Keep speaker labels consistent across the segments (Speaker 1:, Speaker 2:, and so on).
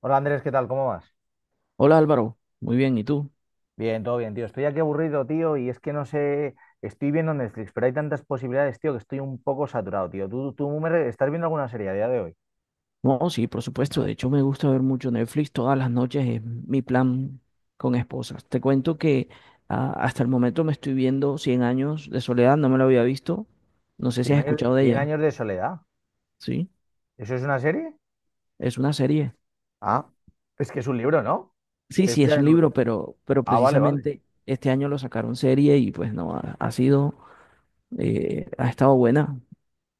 Speaker 1: Hola Andrés, ¿qué tal? ¿Cómo vas?
Speaker 2: Hola Álvaro, muy bien, ¿y tú?
Speaker 1: Bien, todo bien, tío. Estoy aquí aburrido, tío, y es que no sé, estoy viendo Netflix, pero hay tantas posibilidades, tío, que estoy un poco saturado, tío. ¿Tú me re- estás viendo alguna serie a día de hoy?
Speaker 2: No, sí, por supuesto, de hecho me gusta ver mucho Netflix todas las noches, es mi plan con esposas. Te cuento que hasta el momento me estoy viendo Cien años de soledad, no me lo había visto, no sé si has escuchado de
Speaker 1: Cien
Speaker 2: ella,
Speaker 1: años de soledad?
Speaker 2: ¿sí?
Speaker 1: ¿Eso es una serie?
Speaker 2: Es una serie.
Speaker 1: Ah, es que es un libro, ¿no?
Speaker 2: Sí,
Speaker 1: Estoy
Speaker 2: sí, es
Speaker 1: inspirado
Speaker 2: un
Speaker 1: en un-
Speaker 2: libro, pero
Speaker 1: Ah, vale, vale.
Speaker 2: precisamente este año lo sacaron serie y pues no, ha sido, ha estado buena.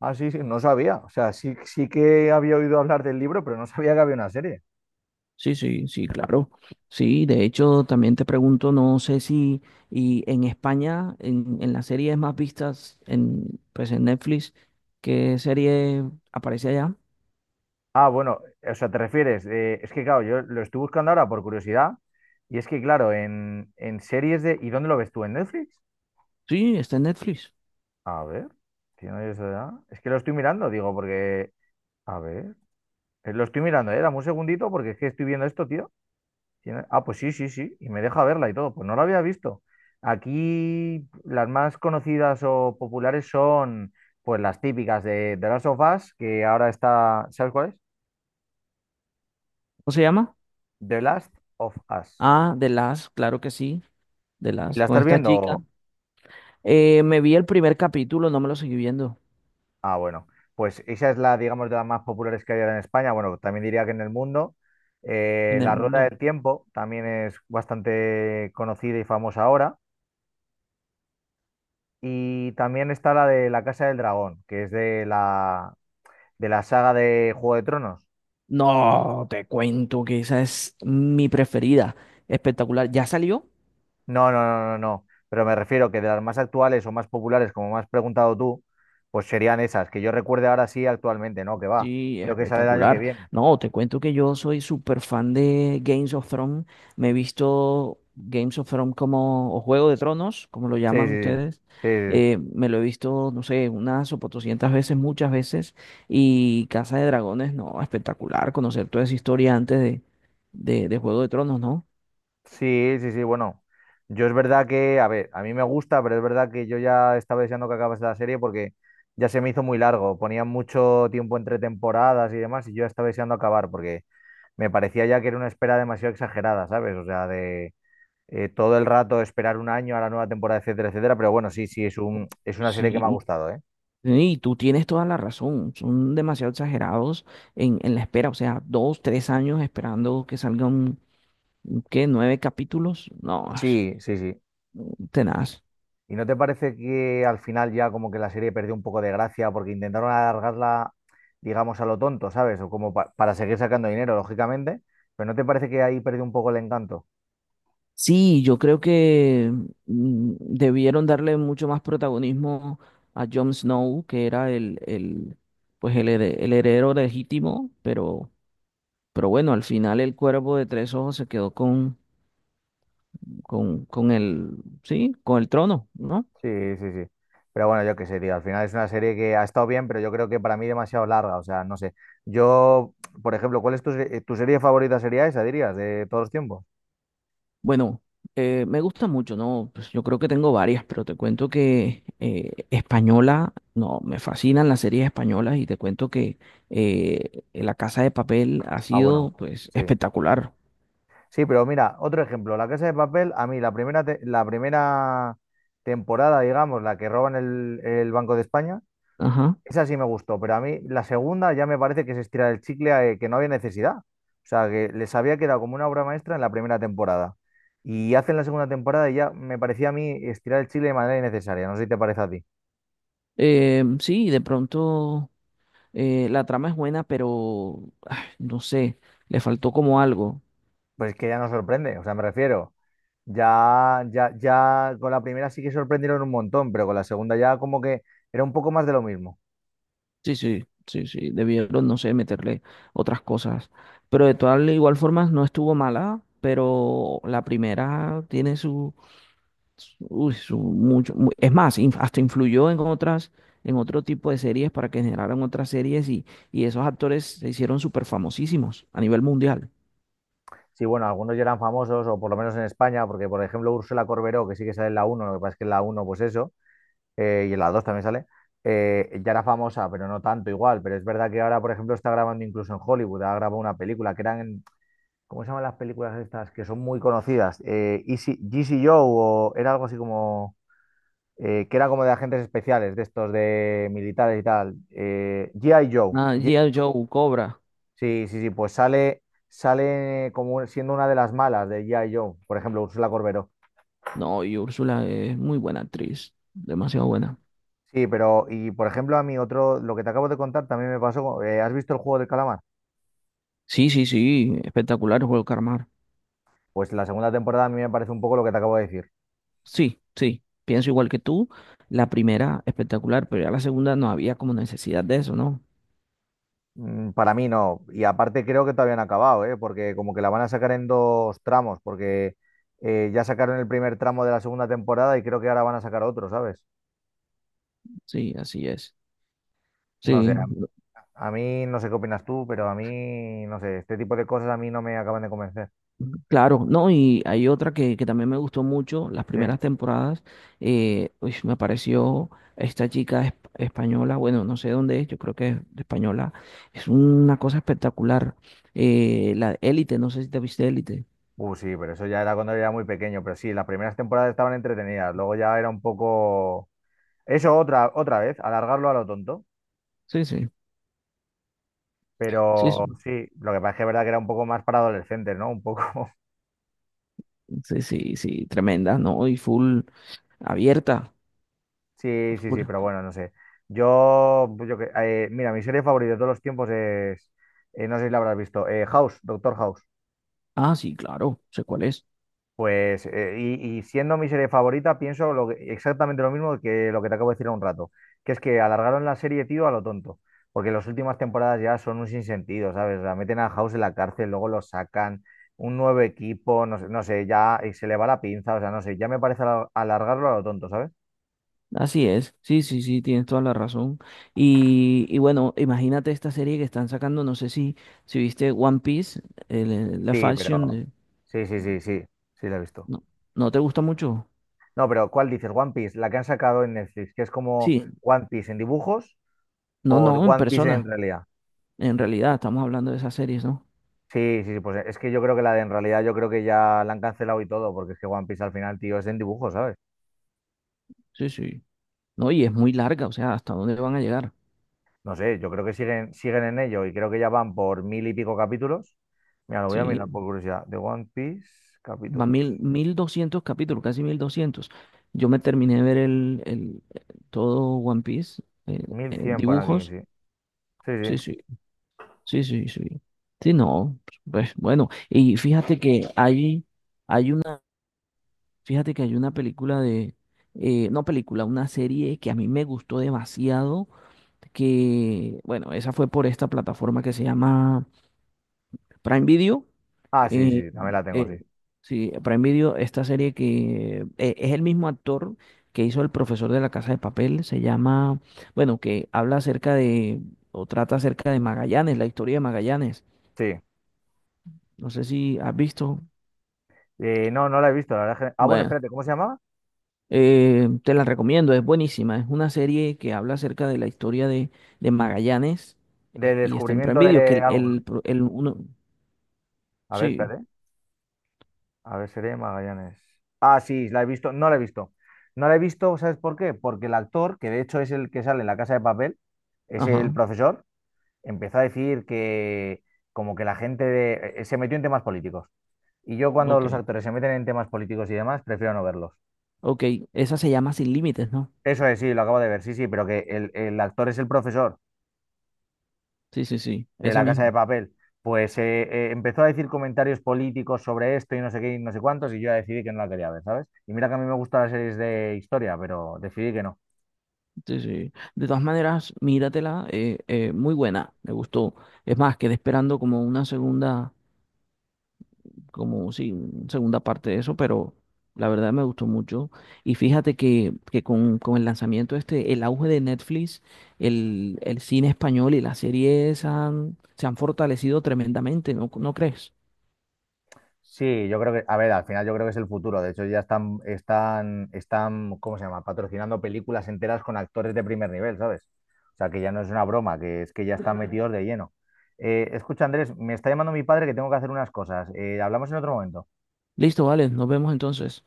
Speaker 1: Ah, sí, sí, no sabía. O sea, sí, sí que había oído hablar del libro, pero no sabía que había una serie.
Speaker 2: Sí, sí, sí, claro. Sí, de hecho, también te pregunto, no sé si y en España, en las series más vistas en, pues en Netflix, ¿qué serie aparece allá?
Speaker 1: Ah, bueno, o sea, te refieres, es que claro, yo lo estoy buscando ahora por curiosidad, y es que claro, en series de. ¿Y dónde lo ves tú? ¿En Netflix?
Speaker 2: Sí, está en Netflix.
Speaker 1: A ver, si no hay eso ya. Es que lo estoy mirando, digo, porque. A ver, lo estoy mirando, dame un segundito porque es que estoy viendo esto, tío. Tiene- Ah, pues sí, sí, sí, y me deja verla y todo, pues no la había visto. Aquí las más conocidas o populares son, pues las típicas de The Last of Us, que ahora está, ¿sabes cuál es?
Speaker 2: ¿Cómo se llama?
Speaker 1: The Last of Us.
Speaker 2: Ah, The Last, claro que sí, The
Speaker 1: ¿Y
Speaker 2: Last,
Speaker 1: la
Speaker 2: con
Speaker 1: estás
Speaker 2: esta
Speaker 1: viendo?
Speaker 2: chica. Me vi el primer capítulo, no me lo seguí viendo
Speaker 1: Ah, bueno, pues esa es la, digamos, de las más populares que hay ahora en España. Bueno, también diría que en el mundo.
Speaker 2: en
Speaker 1: La
Speaker 2: el
Speaker 1: Rueda
Speaker 2: mundo.
Speaker 1: del Tiempo también es bastante conocida y famosa ahora. Y también está la de La Casa del Dragón, que es de la saga de Juego de Tronos.
Speaker 2: No, te cuento que esa es mi preferida. Espectacular. ¿Ya salió?
Speaker 1: No, no, no, no, no. Pero me refiero que de las más actuales o más populares, como me has preguntado tú, pues serían esas, que yo recuerde ahora sí actualmente, ¿no? Que va.
Speaker 2: Sí,
Speaker 1: Creo que sale el año que
Speaker 2: espectacular.
Speaker 1: viene.
Speaker 2: No, te cuento que yo soy súper fan de Games of Thrones. Me he visto Games of Thrones como, o Juego de Tronos, como lo
Speaker 1: Sí,
Speaker 2: llaman
Speaker 1: sí, sí.
Speaker 2: ustedes.
Speaker 1: Sí, sí. Sí.
Speaker 2: Me lo he visto, no sé, unas o 400 veces, muchas veces. Y Casa de Dragones, no, espectacular. Conocer toda esa historia antes de, de Juego de Tronos, ¿no?
Speaker 1: Sí, sí, sí, bueno. Yo es verdad que, a ver, a mí me gusta, pero es verdad que yo ya estaba deseando que acabase la serie porque ya se me hizo muy largo. Ponían mucho tiempo entre temporadas y demás y yo ya estaba deseando acabar porque me parecía ya que era una espera demasiado exagerada, ¿sabes? O sea, de todo el rato esperar un año a la nueva temporada, etcétera, etcétera. Pero bueno, sí, sí, es una serie que me ha
Speaker 2: Sí.
Speaker 1: gustado, ¿eh?
Speaker 2: Y tú tienes toda la razón. Son demasiado exagerados en la espera. O sea, 2, 3 años esperando que salgan, ¿qué? ¿Nueve capítulos? No, es
Speaker 1: Sí, sí, sí.
Speaker 2: tenaz.
Speaker 1: ¿Y no te parece que al final ya como que la serie perdió un poco de gracia porque intentaron alargarla, digamos, a lo tonto, ¿sabes? O como pa- para seguir sacando dinero, lógicamente, pero ¿no te parece que ahí perdió un poco el encanto?
Speaker 2: Sí, yo creo que debieron darle mucho más protagonismo a Jon Snow, que era pues el heredero legítimo, pero bueno, al final el cuervo de tres ojos se quedó con el, sí, con el trono, ¿no?
Speaker 1: Sí, sí, sí. Pero bueno, yo qué sé, tío, al final es una serie que ha estado bien, pero yo creo que para mí demasiado larga, o sea, no sé. Yo, por ejemplo, ¿cuál es tu, se- tu serie favorita sería esa, dirías, de todos los tiempos?
Speaker 2: Bueno, me gusta mucho, ¿no? Pues yo creo que tengo varias, pero te cuento que española, no, me fascinan las series españolas y te cuento que La Casa de Papel ha
Speaker 1: Ah, bueno,
Speaker 2: sido, pues,
Speaker 1: sí.
Speaker 2: espectacular.
Speaker 1: Sí, pero mira, otro ejemplo, La Casa de Papel, a mí la primera, te- la primera temporada, digamos, la que roban el Banco de España,
Speaker 2: Ajá.
Speaker 1: esa sí me gustó, pero a mí la segunda ya me parece que se estira el chicle, que no había necesidad. O sea, que les había quedado como una obra maestra en la primera temporada. Y hacen la segunda temporada y ya me parecía a mí estirar el chicle de manera innecesaria, no sé si te parece a ti.
Speaker 2: Sí, de pronto la trama es buena, pero no sé, le faltó como algo.
Speaker 1: Pues es que ya no sorprende, o sea, me refiero, ya con la primera sí que sorprendieron un montón, pero con la segunda ya como que era un poco más de lo mismo.
Speaker 2: Sí, sí, sí, sí, debieron, no sé, meterle otras cosas. Pero de todas igual formas no estuvo mala, pero la primera tiene su mucho, es más, hasta influyó en otras, en otro tipo de series para que generaran otras series y esos actores se hicieron súper famosísimos a nivel mundial.
Speaker 1: Sí, bueno, algunos ya eran famosos, o por lo menos en España, porque por ejemplo Úrsula Corberó, que sí que sale en la uno, lo que pasa es que en la uno, pues eso, y en la 2 también sale, ya era famosa, pero no tanto igual. Pero es verdad que ahora, por ejemplo, está grabando incluso en Hollywood, ha grabado una película que eran, en- ¿cómo se llaman las películas estas? Que son muy conocidas, Easy Joe, o era algo así como, que era como de agentes especiales, de estos de militares y tal, G.I. Joe.
Speaker 2: Ah, G.I. Joe, Cobra.
Speaker 1: Sí, sí, sí, pues sale, como siendo una de las malas de G.I. Joe, por ejemplo, Úrsula Corberó.
Speaker 2: No, y Úrsula es muy buena actriz, demasiado buena.
Speaker 1: Sí, pero, y por ejemplo, a mí otro, lo que te acabo de contar también me pasó, con- ¿has visto el juego del calamar?
Speaker 2: Sí, sí, sí, espectacular el Juego de Calamar.
Speaker 1: Pues la segunda temporada a mí me parece un poco lo que te acabo de decir.
Speaker 2: Sí, sí, pienso igual que tú. La primera espectacular, pero ya la segunda no había como necesidad de eso, ¿no?
Speaker 1: Para mí no, y aparte creo que todavía no ha acabado, ¿eh? Porque como que la van a sacar en dos tramos, porque ya sacaron el primer tramo de la segunda temporada y creo que ahora van a sacar otro, ¿sabes?
Speaker 2: Sí, así es.
Speaker 1: No sé,
Speaker 2: Sí.
Speaker 1: a mí no sé qué opinas tú, pero a mí, no sé, este tipo de cosas a mí no me acaban de convencer,
Speaker 2: Claro, no, y hay otra que también me gustó mucho, las
Speaker 1: ¿sí?
Speaker 2: primeras temporadas, uy, me apareció esta chica española, bueno, no sé dónde es, yo creo que es española, es una cosa espectacular, la Élite, no sé si te viste Élite,
Speaker 1: Sí, pero eso ya era cuando era muy pequeño, pero sí, las primeras temporadas estaban entretenidas, luego ya era un poco. Eso otra vez, alargarlo a lo tonto,
Speaker 2: sí, sí, sí, sí,
Speaker 1: pero sí, lo que pasa es que es verdad que era un poco más para adolescentes, ¿no? Un poco.
Speaker 2: sí, sí, sí, tremenda, ¿no? Y full abierta,
Speaker 1: Sí, sí, sí, pero
Speaker 2: full-
Speaker 1: bueno, no sé. Yo, pues yo que- mira, mi serie favorita de todos los tiempos es, no sé si la habrás visto, House, Doctor House.
Speaker 2: sí, claro, sé cuál es.
Speaker 1: Pues, y siendo mi serie favorita, pienso lo que- exactamente lo mismo que lo que te acabo de decir hace un rato, que es que alargaron la serie, tío, a lo tonto, porque las últimas temporadas ya son un sinsentido, ¿sabes? La meten a House en la cárcel, luego lo sacan, un nuevo equipo, no sé, no sé, ya se le va la pinza, o sea, no sé, ya me parece alar- alargarlo a lo tonto, ¿sabes?
Speaker 2: Así es, sí, sí, sí, tienes toda la razón. Y bueno, imagínate esta serie que están sacando, no sé si, viste One Piece, la
Speaker 1: Sí,
Speaker 2: fashion,
Speaker 1: pero. Sí, sí, sí, sí, sí, la he visto.
Speaker 2: no, ¿no te gusta mucho?
Speaker 1: No, pero ¿cuál dices? One Piece, la que han sacado en Netflix, que es como
Speaker 2: Sí,
Speaker 1: One Piece en dibujos
Speaker 2: no,
Speaker 1: o
Speaker 2: no, en
Speaker 1: One Piece en
Speaker 2: persona,
Speaker 1: realidad.
Speaker 2: en realidad, estamos hablando de esas series, ¿no?
Speaker 1: Sí, sí, sí, pues es que yo creo que la de en realidad, yo creo que ya la han cancelado y todo, porque es que One Piece al final, tío, es en dibujo, ¿sabes?
Speaker 2: Sí, sí. No, y es muy larga, o sea, ¿hasta dónde van a llegar?
Speaker 1: No sé, yo creo que siguen, en ello y creo que ya van por mil y pico capítulos. Mira, lo voy a mirar
Speaker 2: Sí,
Speaker 1: por curiosidad. De One Piece,
Speaker 2: va 1000,
Speaker 1: capítulos.
Speaker 2: 1200 capítulos, casi 1200. Yo me terminé de ver todo One Piece,
Speaker 1: Mil cien por aquí,
Speaker 2: dibujos,
Speaker 1: sí. Sí, sí.
Speaker 2: sí, sí. Sí, sí, sí. Sí, no. Pues bueno, y fíjate que hay una, fíjate que hay una película de, no película, una serie que a mí me gustó demasiado, que, bueno, esa fue por esta plataforma que se llama Prime Video.
Speaker 1: Ah, sí,
Speaker 2: eh,
Speaker 1: sí, también la tengo,
Speaker 2: eh,
Speaker 1: sí.
Speaker 2: sí, Prime Video, esta serie que es el mismo actor que hizo El profesor de la Casa de Papel, se llama, bueno, que habla acerca de, o trata acerca de Magallanes, la historia de Magallanes.
Speaker 1: Sí.
Speaker 2: No sé si has visto.
Speaker 1: No, no la he visto, la verdad. Es que- Ah, bueno,
Speaker 2: Bueno,
Speaker 1: espérate, ¿cómo se llamaba?
Speaker 2: te la recomiendo, es buenísima. Es una serie que habla acerca de la historia de, Magallanes,
Speaker 1: De
Speaker 2: y está en Prime
Speaker 1: descubrimiento
Speaker 2: Video, que
Speaker 1: de
Speaker 2: el,
Speaker 1: algo, ¿no?
Speaker 2: el, pro- el uno...
Speaker 1: A ver,
Speaker 2: Sí,
Speaker 1: espérate. A ver, seré Magallanes. Ah, sí, la he visto. No la he visto. No la he visto, ¿sabes por qué? Porque el actor, que de hecho es el que sale en La Casa de Papel, es el
Speaker 2: ajá,
Speaker 1: profesor, empezó a decir que como que la gente de- se metió en temas políticos. Y yo cuando
Speaker 2: ok,
Speaker 1: los actores se meten en temas políticos y demás, prefiero no verlos.
Speaker 2: ok. Esa se llama Sin Límites, ¿no?
Speaker 1: Eso es, sí, lo acabo de ver, sí, sí, pero que el actor es el profesor
Speaker 2: Sí, sí, sí,
Speaker 1: de
Speaker 2: ese
Speaker 1: La Casa de
Speaker 2: mismo.
Speaker 1: Papel, pues empezó a decir comentarios políticos sobre esto y no sé qué y no sé cuántos, y yo ya decidí que no la quería ver, ¿sabes? Y mira que a mí me gustan las series de historia, pero decidí que no.
Speaker 2: Sí, sí. De todas maneras, míratela, muy buena, me gustó. Es más, quedé esperando como una segunda, como sí, una segunda parte de eso, pero la verdad me gustó mucho. Y fíjate que con, el lanzamiento este, el auge de Netflix, el cine español y las series se han fortalecido tremendamente, ¿no, no crees?
Speaker 1: Sí, yo creo que, a ver, al final yo creo que es el futuro. De hecho, ya están, ¿cómo se llama? Patrocinando películas enteras con actores de primer nivel, ¿sabes? O sea, que ya no es una broma, que es que ya están metidos de lleno. Escucha, Andrés, me está llamando mi padre que tengo que hacer unas cosas. Hablamos en otro momento.
Speaker 2: Listo, vale, nos vemos entonces.